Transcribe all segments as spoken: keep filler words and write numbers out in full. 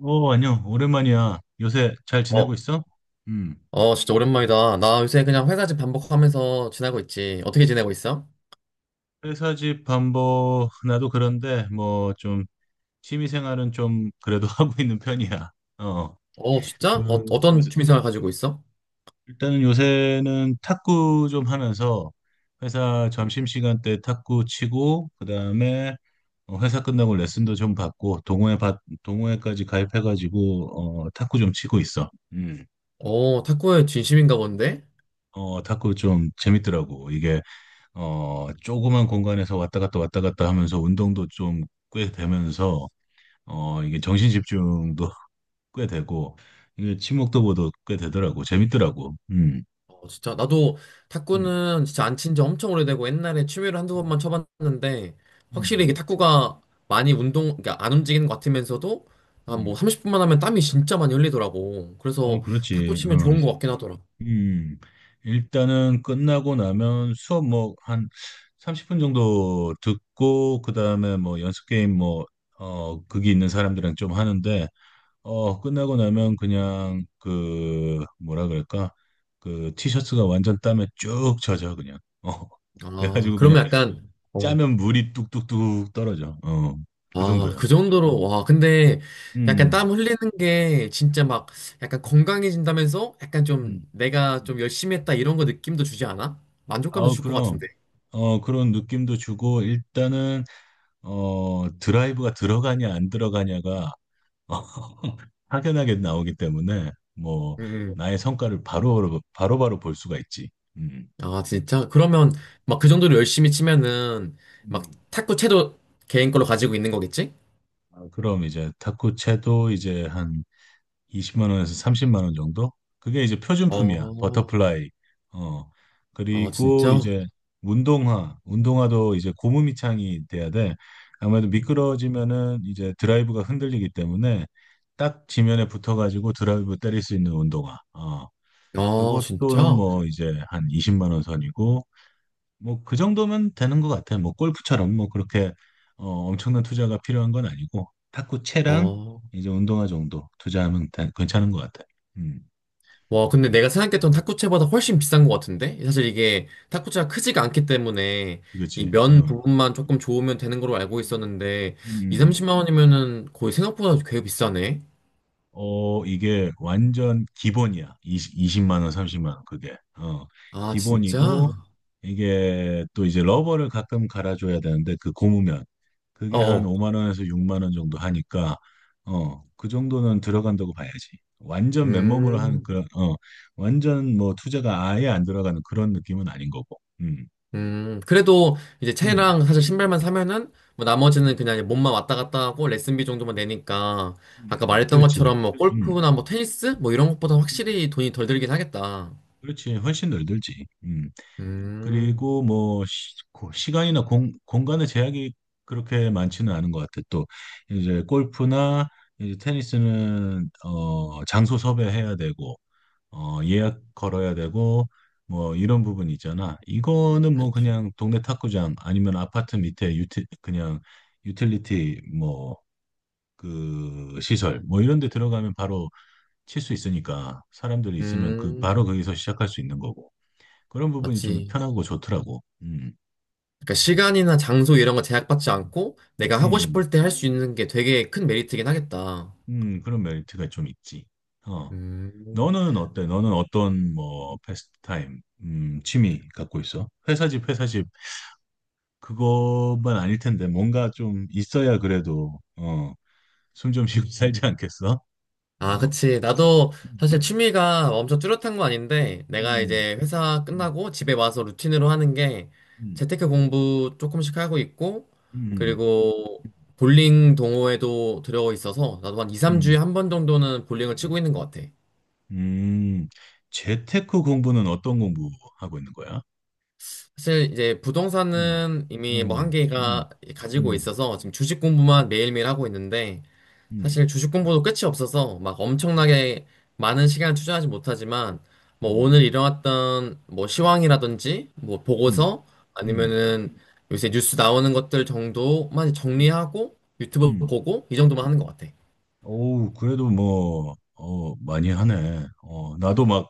어, 안녕. 오랜만이야. 요새 잘 지내고 어, 있어? 음. 어, 진짜 오랜만이다. 나 요새 그냥 회사 집 반복하면서 지내고 있지. 어떻게 지내고 있어? 회사 집 반보 나도 그런데 뭐 좀 취미 생활은 좀 그래도 하고 있는 편이야. 어. 어, 진짜? 어, 그 어떤 요새- 취미생활 가지고 있어? 일단은 요새는 탁구 좀 하면서 회사 점심시간 때 탁구 치고 그다음에 어, 회사 끝나고 레슨도 좀 받고 동호회 받 동호회까지 가입해 가지고 어 탁구 좀 치고 있어. 음. 어, 탁구에 진심인가 본데? 어 탁구 좀 재밌더라고. 이게 어, 조그만 공간에서 왔다 갔다 왔다 갔다 하면서 운동도 좀 꽤 되면서, 어, 이게 정신 집중도 꽤 되고, 이게 친목도 보도 꽤 되더라고. 재밌더라고. 음, 어, 진짜. 나도 음, 탁구는 진짜 안 친지 엄청 오래되고 옛날에 취미로 한두 번만 음, 쳐봤는데 확실히 이게 음, 탁구가 많이 운동, 그러니까 안 움직이는 것 같으면서도 한 뭐 음. 삼십 분만 하면 땀이 진짜 많이 흘리더라고. 어, 그래서 탁구 그렇지. 어, 치면 음. 좋은 것 같긴 하더라. 음. 일단은 끝나고 나면 수업 뭐 한 삼십 분 정도 듣고, 그 다음에 뭐 연습 게임 뭐, 어, 극이 있는 사람들이랑 좀 하는데, 어, 끝나고 나면 그냥 그 뭐라 그럴까? 그 티셔츠가 완전 땀에 쭉 젖어 그냥. 어. 아, 그래가지고 그냥 그러면 약간, 어, 짜면 물이 뚝뚝뚝 떨어져. 어. 그 아, 정도야. 그 음. 정도로, 와, 근데 약간 음. 땀 흘리는 게 진짜 막 약간 건강해진다면서 약간 좀 음. 내가 음. 좀 열심히 했다 이런 거 느낌도 주지 않아? 만족감도 아우 줄 것 그럼 같은데. 어 그런 느낌도 주고 일단은 어 드라이브가 들어가냐 안 들어가냐가 확연하게 나오기 때문에 뭐 음. 음. 나의 성과를 바로 바로 바로 볼 수가 있지. 아, 진짜? 그러면 막 그 정도로 열심히 치면은 막 음. 탁구채도 개인 걸로 가지고 있는 거겠지? 아, 그럼 이제 탁구채도 이제 한 이십만 원에서 삼십만 원 정도? 그게 이제 표준품이야. 어, 버터플라이. 어. 아, 그리고 진짜? 이제 운동화. 운동화도 이제 고무 밑창이 돼야 돼. 아무래도 미끄러지면은 이제 드라이브가 흔들리기 때문에 딱 지면에 붙어가지고 드라이브 때릴 수 있는 운동화. 어. 아, 그것도 진짜? 뭐 이제 한 이십만 원 선이고 뭐 그 정도면 되는 것 같아요. 뭐 골프처럼 뭐 그렇게 어, 엄청난 투자가 필요한 건 아니고 탁구 채랑 어. 이제 운동화 정도 투자하면 다- 괜찮은 것 같아요. 음, 와, 근데 내가 생각했던 탁구채보다 훨씬 비싼 것 같은데? 사실 이게 탁구채가 크지가 않기 때문에 이 그렇지. 면 어. 부분만 조금 좋으면 되는 걸로 알고 음, 있었는데 음, 이, 음. 삼십만 원이면은 거의 생각보다 꽤 비싸네. 어, 이게 완전 기본이야. 이십, 이십만 원, 삼십만 원 그게. 어, 아, 진짜? 기본이고 이게 또 이제 러버를 가끔 갈아줘야 되는데 그 고무면 어. 그게 한 어. 오만 원에서 육만 원 정도 하니까 어 그 정도는 들어간다고 봐야지 완전 맨몸으로 하는 음. 그런 어 완전 뭐 투자가 아예 안 들어가는 그런 느낌은 아닌 거고 음 음. 그래도 이제 음, 채랑 사실 신발만 사면은 뭐 나머지는 음, 그냥 몸만 왔다 갔다 하고 레슨비 정도만 내니까 음, 아까 음. 말했던 그렇지 것처럼 뭐 음, 골프나 뭐 테니스 뭐 이런 것보다 음. 확실히 돈이 덜 들긴 하겠다. 그렇지 훨씬 덜 들지 음. 그리고 뭐 시, 고- 시간이나 공, 공간의 제약이 그렇게 많지는 않은 것 같아. 또 이제 골프나 이제 테니스는 어, 장소 섭외해야 되고 어, 예약 걸어야 되고 뭐 이런 부분 있잖아. 이거는 뭐 그치. 그냥 동네 탁구장 아니면 아파트 밑에 유티, 그냥 유틸리티 뭐 그 시설 뭐 이런 데 들어가면 바로 칠 수 있으니까 사람들이 있으면 그 바로 음. 거기서 시작할 수 있는 거고 그런 부분이 좀 맞지. 편하고 좋더라고. 음. 그러니까 시간이나 장소 이런 거 제약받지 음, 않고 내가 하고 음, 싶을 때 할 수 있는 게 되게 큰 메리트긴 하겠다. 음, 그런 메리트가 좀 있지. 어, 음. 너는 어때? 너는 어떤 뭐 패스트타임, 음, 취미 갖고 있어? 회사 집, 회사 집 그것만 아닐 텐데 뭔가 좀 있어야 그래도 어, 숨 좀 쉬고 살지 않겠어? 아, 어, 그치. 나도 사실 음, 취미가 엄청 뚜렷한 건 아닌데 내가 음, 이제 회사 음, 끝나고 집에 와서 루틴으로 하는 게 음, 재테크 공부 조금씩 하고 있고 음, 그리고 볼링 동호회도 들어가 있어서 나도 한 이, 음, 삼 주에 한 번 정도는 볼링을 치고 음, 있는 것 같아. 음. 재테크 공부는 어떤 공부 하고 있는 거야? 사실 이제 음, 부동산은 이미 뭐 음, 음, 한계가 가지고 음, 있어서 지금 주식 공부만 매일매일 하고 있는데 음, 사실 주식 공부도 끝이 없어서 막 엄청나게 많은 시간을 투자하지 못하지만 뭐 오늘 음, 일어났던 뭐 음. 시황이라든지 뭐 음. 보고서 음, 아니면은 요새 뉴스 나오는 것들 정도만 음, 정리하고 유튜브 음. 보고 이 정도만 하는 것 같아. 오우 그래도 뭐, 어, 많이 하네. 어, 나도 막,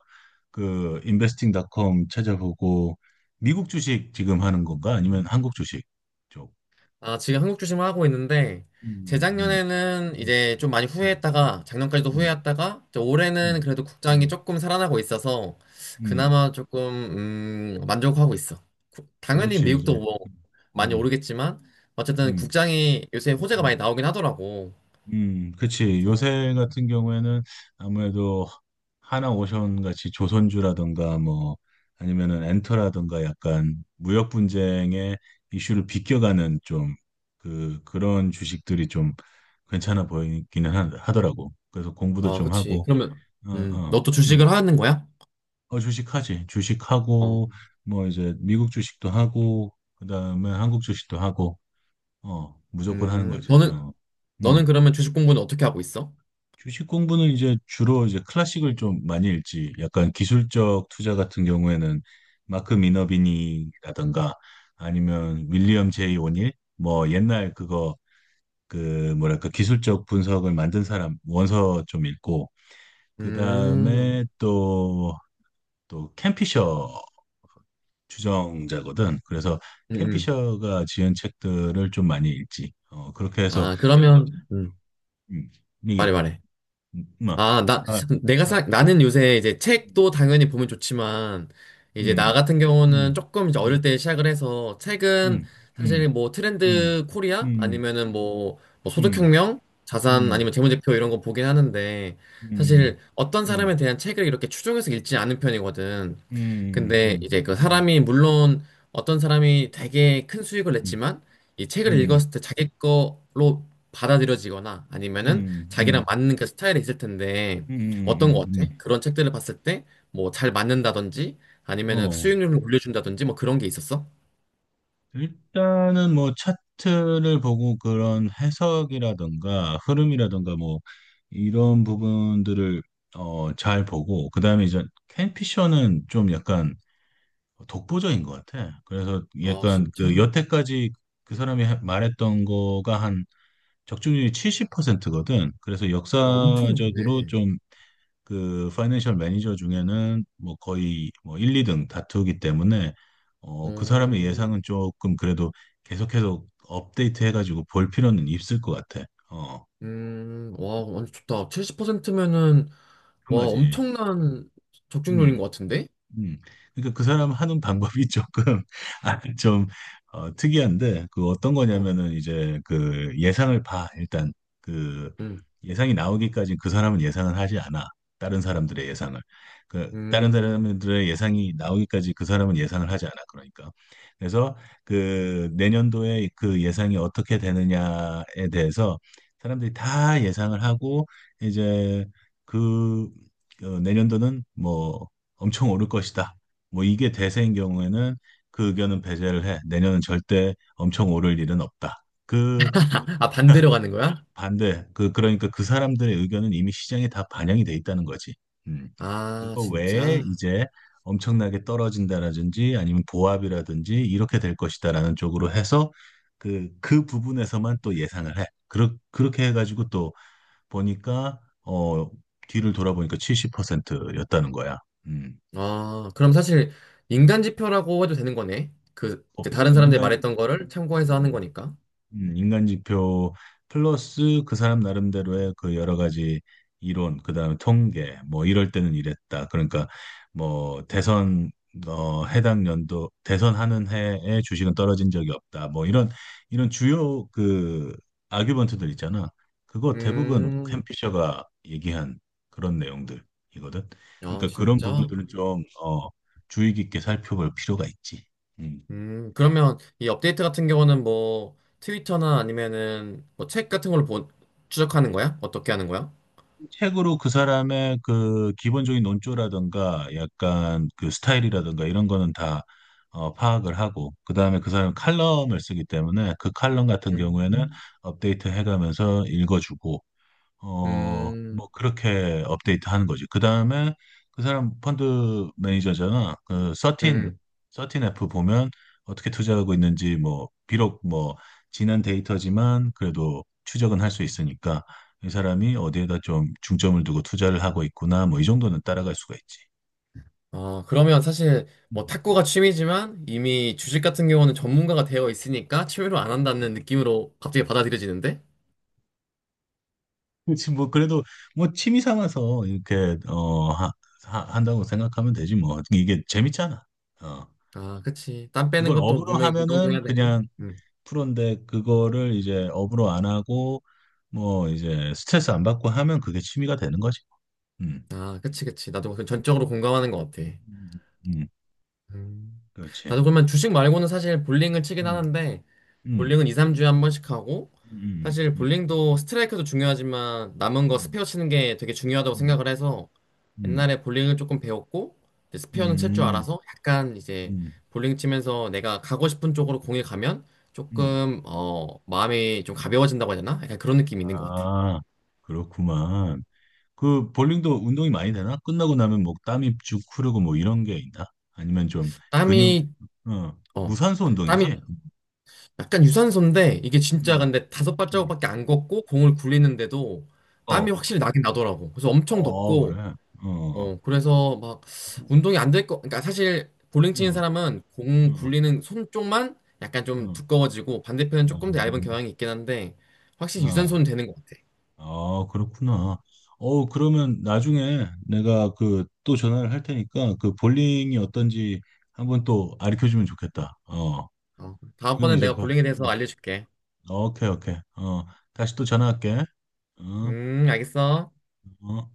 그, 인베스팅 닷컴 찾아보고, 미국 주식 지금 하는 건가? 아니면 한국 주식 쪽? 아, 지금 한국 주식만 하고 있는데, 음, 음, 재작년에는 음, 이제 좀 많이 음, 후회했다가, 작년까지도 음, 후회했다가, 이제 올해는 음, 그래도 국장이 음, 조금 살아나고 있어서, 음. 그나마 조금, 음, 만족하고 있어. 구- 당연히 그렇지, 이제. 미국도 뭐, 많이 음, 오르겠지만, 어쨌든 음, 국장이 요새 호재가 많이 음. 나오긴 하더라고. 음, 그치. 그래서, 요새 같은 경우에는 아무래도 하나오션 같이 조선주라든가 뭐 아니면은 엔터라든가 약간 무역 분쟁의 이슈를 비껴가는 좀 그, 그런 주식들이 좀 괜찮아 보이기는 하, 하더라고. 그래서 공부도 어, 좀 그치. 하고, 그러면, 어, 음, 어, 너 또 음. 주식을 하는 거야? 어, 주식하지. 주식하고, 어. 뭐 이제 미국 주식도 하고, 그 다음에 한국 주식도 하고, 어, 무조건 하는 음, 거지. 어, 너는, 너는 음. 그러면 주식 공부는 어떻게 하고 있어? 주식 공부는 이제 주로 이제 클래식을 좀 많이 읽지. 약간 기술적 투자 같은 경우에는 마크 미너비니라든가 아니면 윌리엄 제이 오닐 뭐 옛날 그거 그 뭐랄까 기술적 분석을 만든 사람 원서 좀 읽고 음, 그다음에 또 또 캠피셔 주정자거든. 그래서 음, 음. 캠피셔가 지은 책들을 좀 많이 읽지. 어, 그렇게 해서 아, 그러면, 음, 음, 말해, 이게 말해. 음, 뭐, 아, 나, 아, 내가 음. 사, 나는 요새 이제 책도 당연히 보면 좋지만, 이제 나 음, 같은 음, 경우는 조금 이제 어릴 음, 때 시작을 해서, 책은 음, 음, 사실 뭐 음, 트렌드 코리아? 음, 아니면은 뭐, 뭐 음, 소득혁명? 자산 음, 아니면 재무제표 이런 거 보긴 하는데, 음, 사실 음, 어떤 음, 사람에 대한 책을 이렇게 추종해서 읽지 않은 편이거든. 음, 음, 근데 음, 이제 그 사람이 물론 어떤 사람이 되게 큰 수익을 음, 냈지만 이 책을 읽었을 때 자기 거로 받아들여지거나 아니면은 자기랑 음, 맞는 그 스타일이 있을 텐데 음, 어떤 거 음. 음. 어때? 그런 책들을 봤을 때 뭐 잘 맞는다든지 아니면은 어, 수익률을 올려준다든지 뭐 그런 게 있었어? 일단은 뭐 차트를 보고 그런 해석이라든가 흐름이라든가 뭐 이런 부분들을 어, 잘 보고 그다음에 이제 캔피셔는 좀 약간 독보적인 것 같아. 그래서 아 약간 진짜? 그 와, 여태까지 그 사람이 하- 말했던 거가 한 적중률이 칠십 퍼센트거든. 그래서 엄청 역사적으로 높네. 좀 그 파이낸셜 매니저 중에는 뭐 거의 뭐 일, 이 등 다투기 때문에 어, 그 사람의 어, 예상은 조금 그래도 계속해서 업데이트 해가지고 볼 필요는 있을 것 같아. 어, 음, 와, 완전 좋다. 칠십 퍼센트면은 그런 와 거지. 엄청난 적중률인 것 같은데? 음. 그러니까 그 사람 하는 방법이 조금 아, 좀 어, 특이한데 그 어떤 어, 거냐면은 이제 그 예상을 봐. 일단 그 음, 예상이 나오기까지 그 사람은 예상을 하지 않아. 다른 사람들의 예상을. 그 다른 음. 사람들의 예상이 나오기까지 그 사람은 예상을 하지 않아. 그러니까. 그래서 그 내년도에 그 예상이 어떻게 되느냐에 대해서 사람들이 다 예상을 하고 이제 그 어, 내년도는 뭐 엄청 오를 것이다. 뭐 이게 대세인 경우에는 그 의견은 배제를 해. 내년은 절대 엄청 오를 일은 없다. 그 아, 반대로 가는 거야? 반대, 그 그러니까 그 사람들의 의견은 이미 시장에 다 반영이 돼 있다는 거지. 음. 아, 그거 외에 진짜? 이제 엄청나게 떨어진다라든지 아니면 보합이라든지 이렇게 될 것이다라는 쪽으로 해서 그, 그 부분에서만 또 예상을 해. 그렇, 그렇게 해가지고 또 보니까, 어, 뒤를 돌아보니까 칠십 퍼센트였다는 거야. 음. 아, 그럼 사실 음. 인간 지표라고 해도 되는 거네. 그, 이제 거의 다른 사람들이 인간 말했던 거를 참고해서 하는 음, 거니까. 음, 인간 지표 플러스 그 사람 나름대로의 그 여러 가지 이론, 그다음에 통계, 뭐 이럴 때는 이랬다. 그러니까 뭐 대선 어 해당 연도 대선하는 해에 주식은 떨어진 적이 없다. 뭐 이런 이런 주요 그 아규먼트들 있잖아. 그거 대부분 음, 캠피셔가 얘기한 그런 내용들이거든. 아, 그러니까 그런 진짜? 부분들은 좀 어 주의 깊게 살펴볼 필요가 있지. 음. 음, 그러면 이 업데이트 같은 경우는 뭐 트위터나 아니면은 뭐 책 같은 걸로 보, 추적하는 거야? 어떻게 하는 거야? 책으로 그 사람의 그 기본적인 논조라든가 약간 그 스타일이라든가 이런 거는 다 어, 파악을 하고 그다음에 그 사람은 칼럼을 쓰기 때문에 그 칼럼 같은 경우에는 음, 업데이트 해가면서 읽어주고 어, 뭐 음, 그렇게 업데이트 하는 거지. 그 다음에 그 사람 펀드 매니저잖아. 그 십삼 음. 십삼 에프 보면 어떻게 투자하고 있는지 뭐 비록 뭐 지난 데이터지만 그래도 추적은 할 수 있으니까 이 사람이 어디에다 좀 중점을 두고 투자를 하고 있구나 뭐 이 정도는 따라갈 수가 있지. 어, 그러면 사실 뭐 음. 탁구가 취미지만 이미 주식 같은 경우는 전문가가 되어 있으니까 취미로 안 한다는 느낌으로 갑자기 받아들여지는데? 그렇지 뭐 그래도 뭐 취미 삼아서 이렇게 어 하, 하- 한다고 생각하면 되지 뭐 이게 재밌잖아. 어 아, 그치. 땀 빼는 그걸 것도 업으로 분명히 운동도 하면은 해야 되고. 그냥 음. 프로인데 그거를 이제 업으로 안 하고 뭐 이제 스트레스 안 받고 하면 그게 취미가 되는 거지. 음, 아, 그치, 그치. 나도 그 전적으로 공감하는 것 같아. 음, 음, 음. 그렇지. 나도 그러면 주식 말고는 사실 볼링을 치긴 음, 하는데, 음, 볼링은 이, 삼 주에 한 번씩 하고, 음, 사실 음, 볼링도 스트라이크도 중요하지만 남은 거 음, 스페어 치는 게 되게 중요하다고 음, 생각을 해서 옛날에 볼링을 조금 배웠고 이제 음, 스페어는 칠 줄 음, 알아서 약간 이제 음, 볼링 치면서 내가 가고 싶은 쪽으로 공이 가면 음. 조금 어 마음이 좀 가벼워진다고 해야 되나? 약간 그런 느낌이 있는 것 같아. 아, 그렇구만. 그 볼링도 운동이 많이 되나? 끝나고 나면 뭐 땀이 쭉 흐르고 뭐 이런 게 있나? 아니면 좀 근육, 땀이 어, 어 무산소 운동이지? 땀이 약간 유산소인데 이게 진짜 어, 근데 다섯 음. 발자국밖에 안 걷고 공을 굴리는데도 땀이 어, 확실히 나긴 나더라고. 그래서 엄청 어, 덥고 그래. 어. 어. 어, 그래서 막 운동이 안 될 거, 그러니까 사실 볼링 치는 응, 사람은 공 응, 굴리는 손 쪽만 약간 좀 응, 두꺼워지고 반대편은 조금 더 얇은 음, 경향이 있긴 한데 확실히 아, 유산소는 되는 것 같아. 아, 그렇구나. 어, 그러면 나중에 내가 그 또 전화를 할 테니까 그 볼링이 어떤지 한번 또 가르쳐 주면 좋겠다. 어, 어, 지금 다음번엔 이제 내가 봐. 볼링에 대해서 알려줄게. 어, 오케이, 오케이. 어, 다시 또 전화할게. 어, 음, 알겠어. 어.